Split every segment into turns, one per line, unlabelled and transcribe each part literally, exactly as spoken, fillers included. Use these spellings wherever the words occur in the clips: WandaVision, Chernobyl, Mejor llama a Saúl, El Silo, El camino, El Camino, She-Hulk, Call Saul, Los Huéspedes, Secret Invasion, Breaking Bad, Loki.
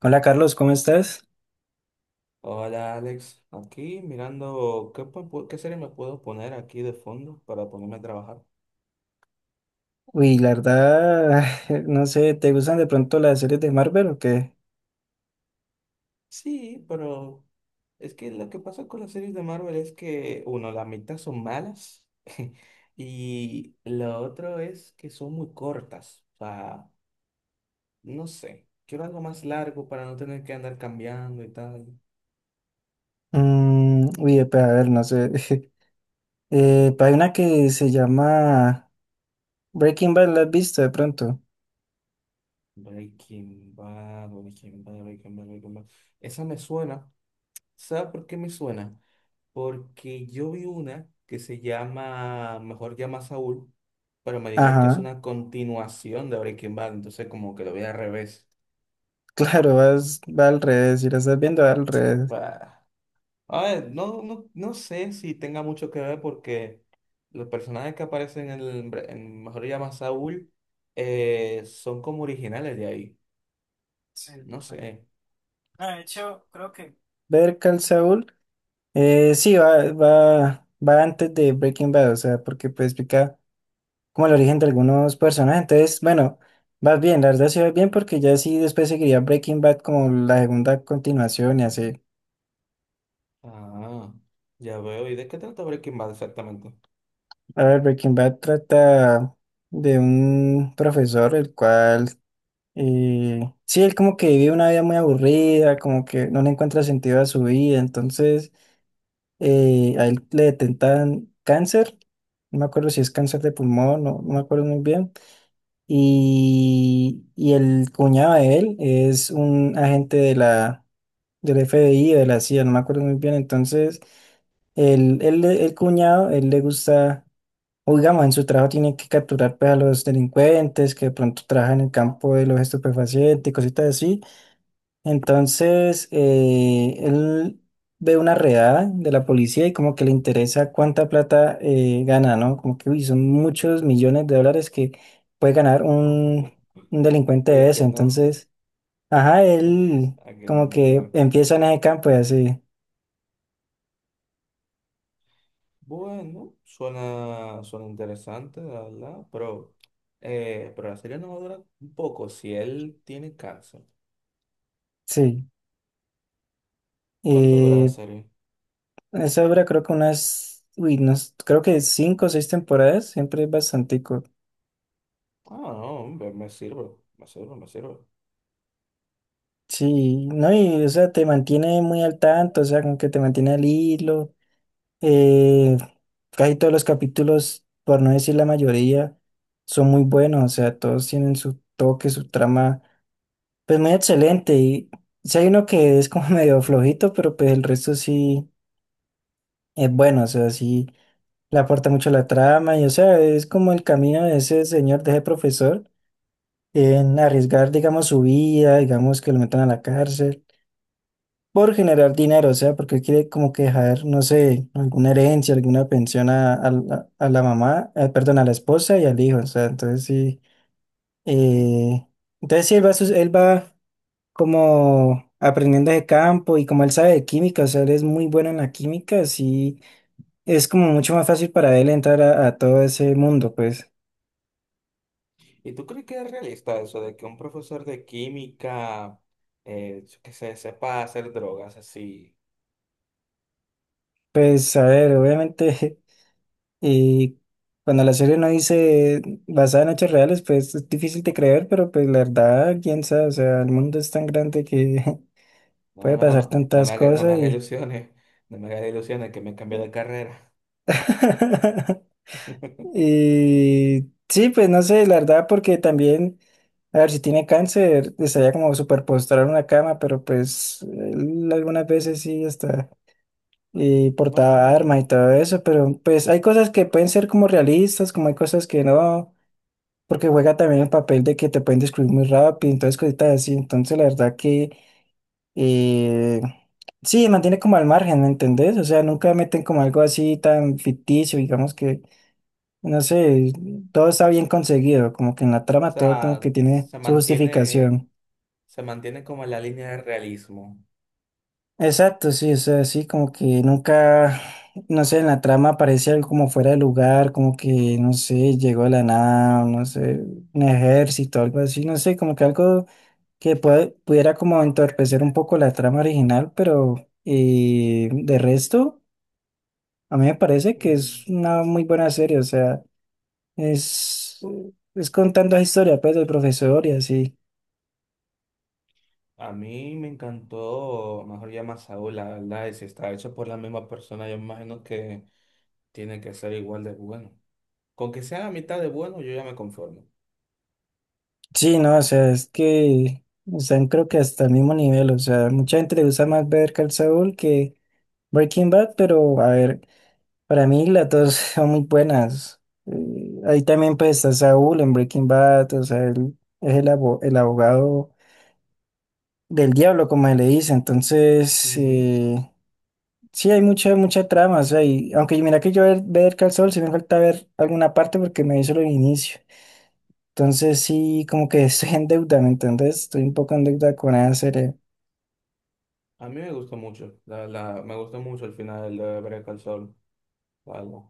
Hola Carlos, ¿cómo estás?
Hola Alex, aquí mirando qué, po- po- qué serie me puedo poner aquí de fondo para ponerme a trabajar.
Uy, la verdad, no sé, ¿te gustan de pronto las series de Marvel o qué?
Sí, pero es que lo que pasa con las series de Marvel es que, uno, la mitad son malas y lo otro es que son muy cortas. O sea, no sé, quiero algo más largo para no tener que andar cambiando y tal.
Mm, uy, eh, pues a ver, no sé. Eh, pues hay una que se llama Breaking Bad, ¿la has visto de pronto?
Breaking Bad, Breaking Bad, Breaking Bad, Breaking Bad. Esa me suena. ¿Sabes por qué me suena? Porque yo vi una que se llama Mejor llama a Saúl, pero me dijeron que es
Ajá,
una continuación de Breaking Bad, entonces como que lo vi al revés.
claro, vas, va al revés, si la estás viendo va al revés.
Bah. A ver, no, no, no sé si tenga mucho que ver porque los personajes que aparecen en, el Bre- en Mejor llama a Saúl eh, son como originales de ahí.
Sí,
No
verdad.
sé.
Ah, de hecho, creo que... Ver Call Saul, eh, sí, va, va, va antes de Breaking Bad, o sea, porque pues explica como el origen de algunos personajes. Entonces, bueno, vas bien, la verdad sí vas bien porque ya sí después seguiría Breaking Bad como la segunda continuación y así.
Ah, ya veo. ¿Y de qué trata Breaking Bad exactamente?
A ver, Breaking Bad trata de un profesor el cual, eh, sí, él como que vive una vida muy aburrida, como que no le encuentra sentido a su vida, entonces eh, a él le detentan cáncer, no me acuerdo si es cáncer de pulmón, no, no me acuerdo muy bien. Y, y el cuñado de él es un agente de la, del F B I, o de la C I A, no me acuerdo muy bien. Entonces, el, el, el cuñado, él le gusta, o digamos, en su trabajo tiene que capturar pues, a los delincuentes que de pronto trabajan en el campo de los estupefacientes y cositas así. Entonces, eh, él ve una redada de la policía y como que le interesa cuánta plata eh, gana, ¿no? Como que uy, son muchos millones de dólares que puede ganar un, un delincuente
Oye,
de
¿a
eso.
quién no?
Entonces, ajá, él
¿A quién
como
no?
que
Claro.
empieza en ese campo y así,
Bueno, suena, suena interesante, la verdad, pero, eh, pero la serie no va a durar un poco si él tiene cáncer.
sí.
¿Cuánto dura la
Eh,
serie?
esa obra creo que unas, uy, unos- creo que cinco o seis temporadas, siempre es bastante.
Ah, no, me, me sirve, me sirve, me sirve.
Sí, no, y o sea, te mantiene muy al tanto, o sea, como que te mantiene al hilo. Eh, casi todos los capítulos, por no decir la mayoría, son muy buenos, o sea, todos tienen su toque, su trama, pues muy excelente. Y si hay uno que es como medio flojito, pero pues el resto sí es bueno, o sea, sí le aporta mucho a la trama y, o sea, es como el camino de ese señor, de ese profesor, en arriesgar, digamos, su vida, digamos, que lo metan a la cárcel, por generar dinero, o sea, porque quiere como que dejar, no sé, alguna herencia, alguna pensión a, a la a la mamá, eh, perdón, a la esposa y al hijo, o sea, entonces sí,
Ujú.
eh, entonces sí, él va, sus- él va como aprendiendo de campo y como él sabe de química, o sea, él es muy bueno en la química, sí, es como mucho más fácil para él entrar a, a todo ese mundo, pues,
¿Y tú crees que es realista eso de que un profesor de química eh, que se sepa hacer drogas así?
pues, a ver, obviamente. Y cuando la serie no dice basada en hechos reales, pues es difícil de creer, pero pues la verdad, quién sabe, o sea, el mundo es tan grande que
No,
puede pasar
no, no
tantas
me haga, no me
cosas
haga
y...
ilusiones, no me haga ilusiones que me cambié de carrera.
y sí, pues no sé, la verdad, porque también, a ver, si tiene cáncer, estaría como súper postrado en una cama, pero pues él algunas veces sí está y
Bueno,
portaba
eh,
arma y todo eso, pero pues hay cosas que pueden ser como realistas, como hay cosas que no, porque juega también el papel de que te pueden descubrir muy rápido, entonces cositas así, entonces la verdad que eh, sí, mantiene como al margen, ¿me entendés? O sea, nunca meten como algo así tan ficticio, digamos que, no sé, todo está bien conseguido, como que en la
o
trama todo como
sea,
que tiene
se
su
mantiene
justificación.
se mantiene como en la línea de realismo.
Exacto, sí, o sea, sí, como que nunca, no sé, en la trama aparece algo como fuera de lugar, como que, no sé, llegó de la nada, no sé, un ejército, algo así, no sé, como que algo que puede- pudiera como entorpecer un poco la trama original, pero eh, de resto, a mí me parece que es
Mm.
una muy buena serie, o sea, es, es contando la historia pues del profesor y así.
A mí me encantó, Mejor llama a Saúl, la verdad, y si está hecho por la misma persona, yo me imagino que tiene que ser igual de bueno. Con que sea la mitad de bueno, yo ya me conformo.
Sí, no, o sea, es que están creo que hasta el mismo nivel, o sea, mucha gente le gusta más ver Call Saul que Breaking Bad, pero a ver, para mí las dos son muy buenas. Eh, ahí también pues está Saúl en Breaking Bad, o sea, él es el abo- el abogado del diablo, como se le dice. Entonces,
Ujú.
eh, sí, hay mucha, mucha trama. O sea, y, aunque mira que yo ver, ver Call Saul, sí me falta ver alguna parte porque me hizo el inicio. Entonces, sí, como que estoy en deuda, ¿me entendés? Estoy un poco en deuda con esa serie.
A mí me gustó mucho, la, la me gustó mucho el final de Breath al Sol, la verdad.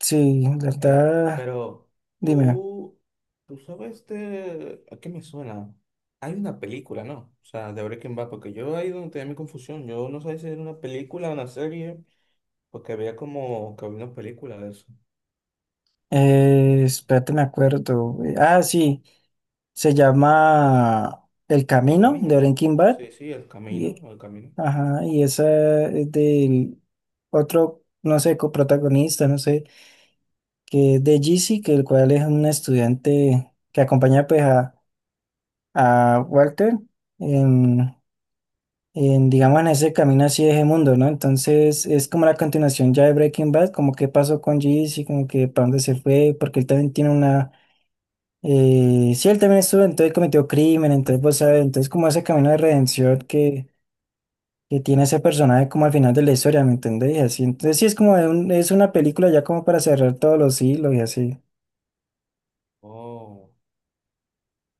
Sí, la
Eh,
verdad,
pero
dime.
tú, tú sabes de... ¿A qué me suena? Hay una película, ¿no? O sea, de Breaking Bad, porque yo ahí donde tenía mi confusión. Yo no sabía si era una película o una serie, porque había como que había una película de eso.
Eh, espérate, me acuerdo. Eh, Ah, sí, se llama El
El
Camino
camino,
de
¿no?
Breaking Bad.
Sí, sí, el camino,
Y,
el camino.
ajá, y esa es del otro, no sé, coprotagonista, no sé, que es de Jeezy, que el cual es un estudiante que acompaña pues a, a Walter en, en, digamos, en ese camino así de ese mundo, ¿no? Entonces es como la continuación ya de Breaking Bad, como qué pasó con Jeezy, como que para dónde se fue, porque él también tiene una... Eh, sí, él también estuvo, entonces cometió crimen, entonces vos sabes, entonces como ese camino de redención que, que tiene ese personaje como al final de la historia, ¿me entendés? Y así, entonces sí es como de un- es una película ya como para cerrar todos los hilos y así.
Oh.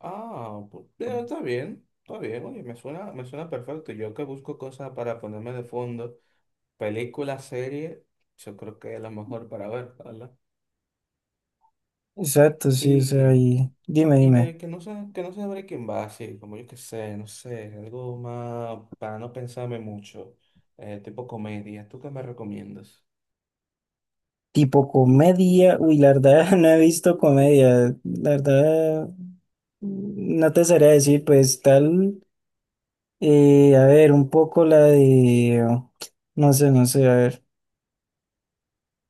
Ah, pues, ya, está bien, está bien. Oye, me suena, me suena perfecto. Yo que busco cosas para ponerme de fondo, película, serie, yo creo que es la mejor para ver, ¿verdad?
Exacto, sí, o sea,
Y...
y dime,
Y
dime,
de que no se, que no se abre quién va, así, como yo que sé, no sé, algo más para no pensarme mucho, eh, tipo comedia, ¿tú qué me recomiendas?
tipo comedia, uy, la verdad no he visto comedia, la verdad no te sabría decir, pues tal, eh, a ver, un poco la de, no sé, no sé, a ver,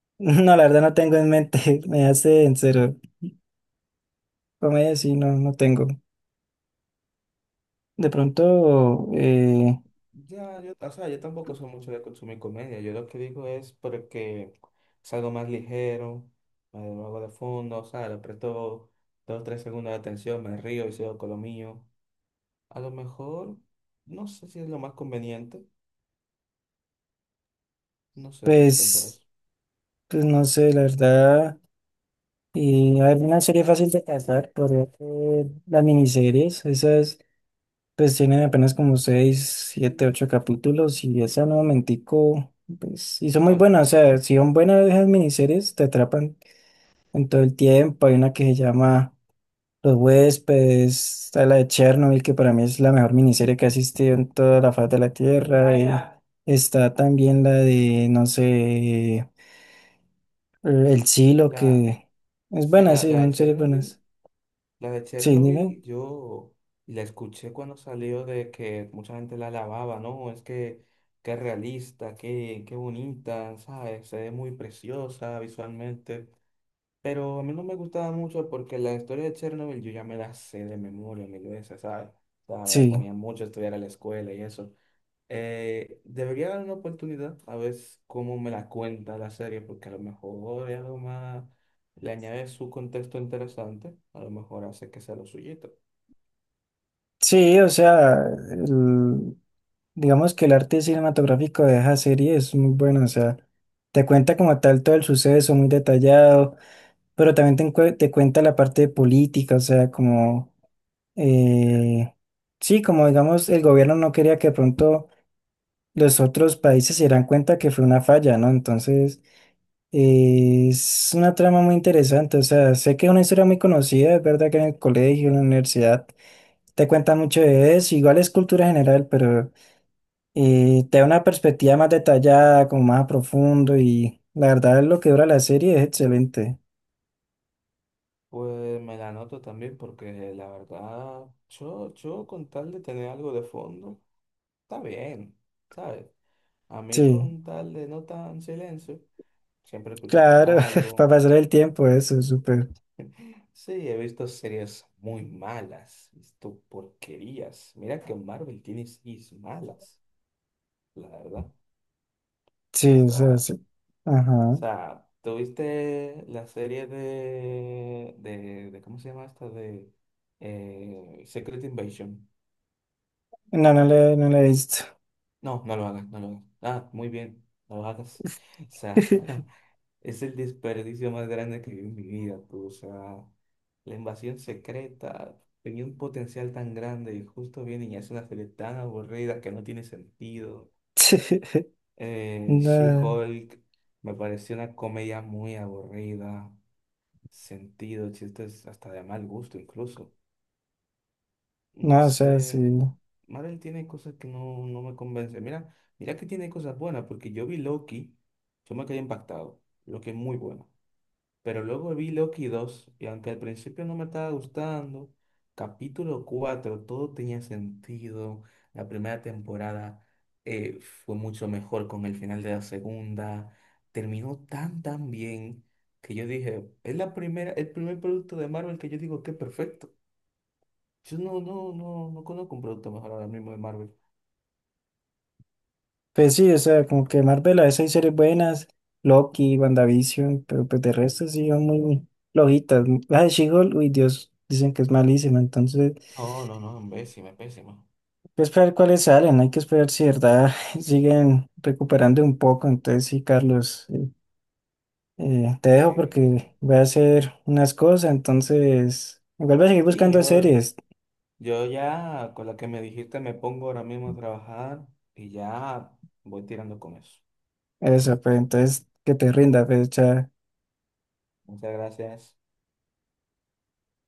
no, la verdad no tengo en mente, me hace en cero, comedia sí, no, no tengo, de pronto, eh,
Ya, yo, o sea, yo tampoco soy mucho de consumir comedia, yo lo que digo es porque es algo más ligero, me lo hago de fondo, o sea, le presto dos o tres segundos de atención, me río y sigo con lo mío. A lo mejor, no sé si es lo más conveniente, no sé, ¿tú qué
pues,
pensarás?
pues no sé, la verdad, y a ver, una serie fácil de cazar, podría ser las miniseries, esas. Pues tiene apenas como seis, siete, ocho capítulos y esa no momentico, pues, y son muy
¿Cuál?
buenas, o sea, si son buenas esas miniseries, te atrapan en todo el tiempo. Hay una que se llama Los Huéspedes, está la de Chernobyl, que para mí es la mejor miniserie que ha existido en toda la faz de la Tierra. Ah, y ya. Está también la de, no sé, El Silo,
La,
que es
sí,
buena,
la,
sí,
la de
son series
Chernobyl.
buenas.
La de
Sí, dime,
Chernobyl yo la escuché cuando salió de que mucha gente la alababa, ¿no? Es que qué realista, qué, qué bonita, ¿sabes? Se ve muy preciosa visualmente. Pero a mí no me gustaba mucho porque la historia de Chernobyl yo ya me la sé de memoria mil veces, ¿sabes? O sea, me la
sí.
ponía mucho a estudiar a la escuela y eso. Eh, debería dar una oportunidad a ver cómo me la cuenta la serie, porque a lo mejor es algo más, le añade su contexto interesante, a lo mejor hace que sea lo suyito.
Sí, o sea, el- digamos que el arte cinematográfico de esa serie es muy bueno, o sea, te cuenta como tal todo el suceso muy detallado, pero también te, encue- te cuenta la parte política, o sea, como, eh, sí, como digamos, el gobierno no quería que de pronto los otros países se dieran cuenta que fue una falla, ¿no? Entonces,
Ujú.
eh, es una trama muy interesante, o sea, sé que es una historia muy conocida, es verdad que en el colegio, en la universidad te cuenta mucho de eso, igual es cultura general, pero eh, te da una perspectiva más detallada, como más a profundo y la verdad lo que dura la serie es excelente.
Pues me la anoto también, porque la verdad, yo, yo con tal de tener algo de fondo, está bien, ¿sabes? A mí
Sí,
con tal de no tan silencio, siempre escuchando
claro, para
algo.
pasar el tiempo eso es súper.
Sí, he visto series muy malas, he visto porquerías. Mira que Marvel tiene series malas, la verdad. O
Sí, o sea,
sea,
sí.
o
Ajá.
sea, tuviste la serie de, de, de- ¿cómo se llama esta? De eh, Secret Invasion.
No, no le, no le he visto.
No, no lo hagas, no lo hagas. Ah, muy bien, no lo hagas. O sea, es el desperdicio más grande que vi en mi vida, pues, o sea, la invasión secreta tenía un potencial tan grande y justo vienen y hacen una serie tan aburrida que no tiene sentido.
Sí.
Eh,
No,
She-Hulk me pareció una comedia muy aburrida, sentido, chistes hasta de mal gusto incluso. No
no, o sea, sí.
sé, Marvel tiene cosas que no, no me convence. Mira, mira que tiene cosas buenas, porque yo vi Loki, yo me quedé impactado. Loki es muy buena. Pero luego vi Loki dos y aunque al principio no me estaba gustando, capítulo cuatro todo tenía sentido. La primera temporada eh, fue mucho mejor con el final de la segunda. Terminó tan tan bien que yo dije, es la primera, el primer producto de Marvel que yo digo que es perfecto. Yo no, no, no, no conozco un producto mejor ahora mismo de Marvel.
Pues sí, o sea, como que Marvel a veces hay series buenas, Loki, WandaVision, pero pues de resto sí son muy flojitas. La de She-Hulk, uy Dios, dicen que es malísima, entonces
No, no, no, pésima, pésima.
hay que esperar cuáles salen, hay que esperar si de verdad siguen recuperando un poco. Entonces sí, Carlos, eh, eh, te dejo
Sí, sí, sí.
porque voy a hacer unas cosas, entonces igual voy a seguir
Sí,
buscando
yo
series.
Yo ya con la que me dijiste me pongo ahora mismo a trabajar y ya voy tirando con eso.
Eso, pues entonces que te rinda, pues, chao.
Muchas gracias.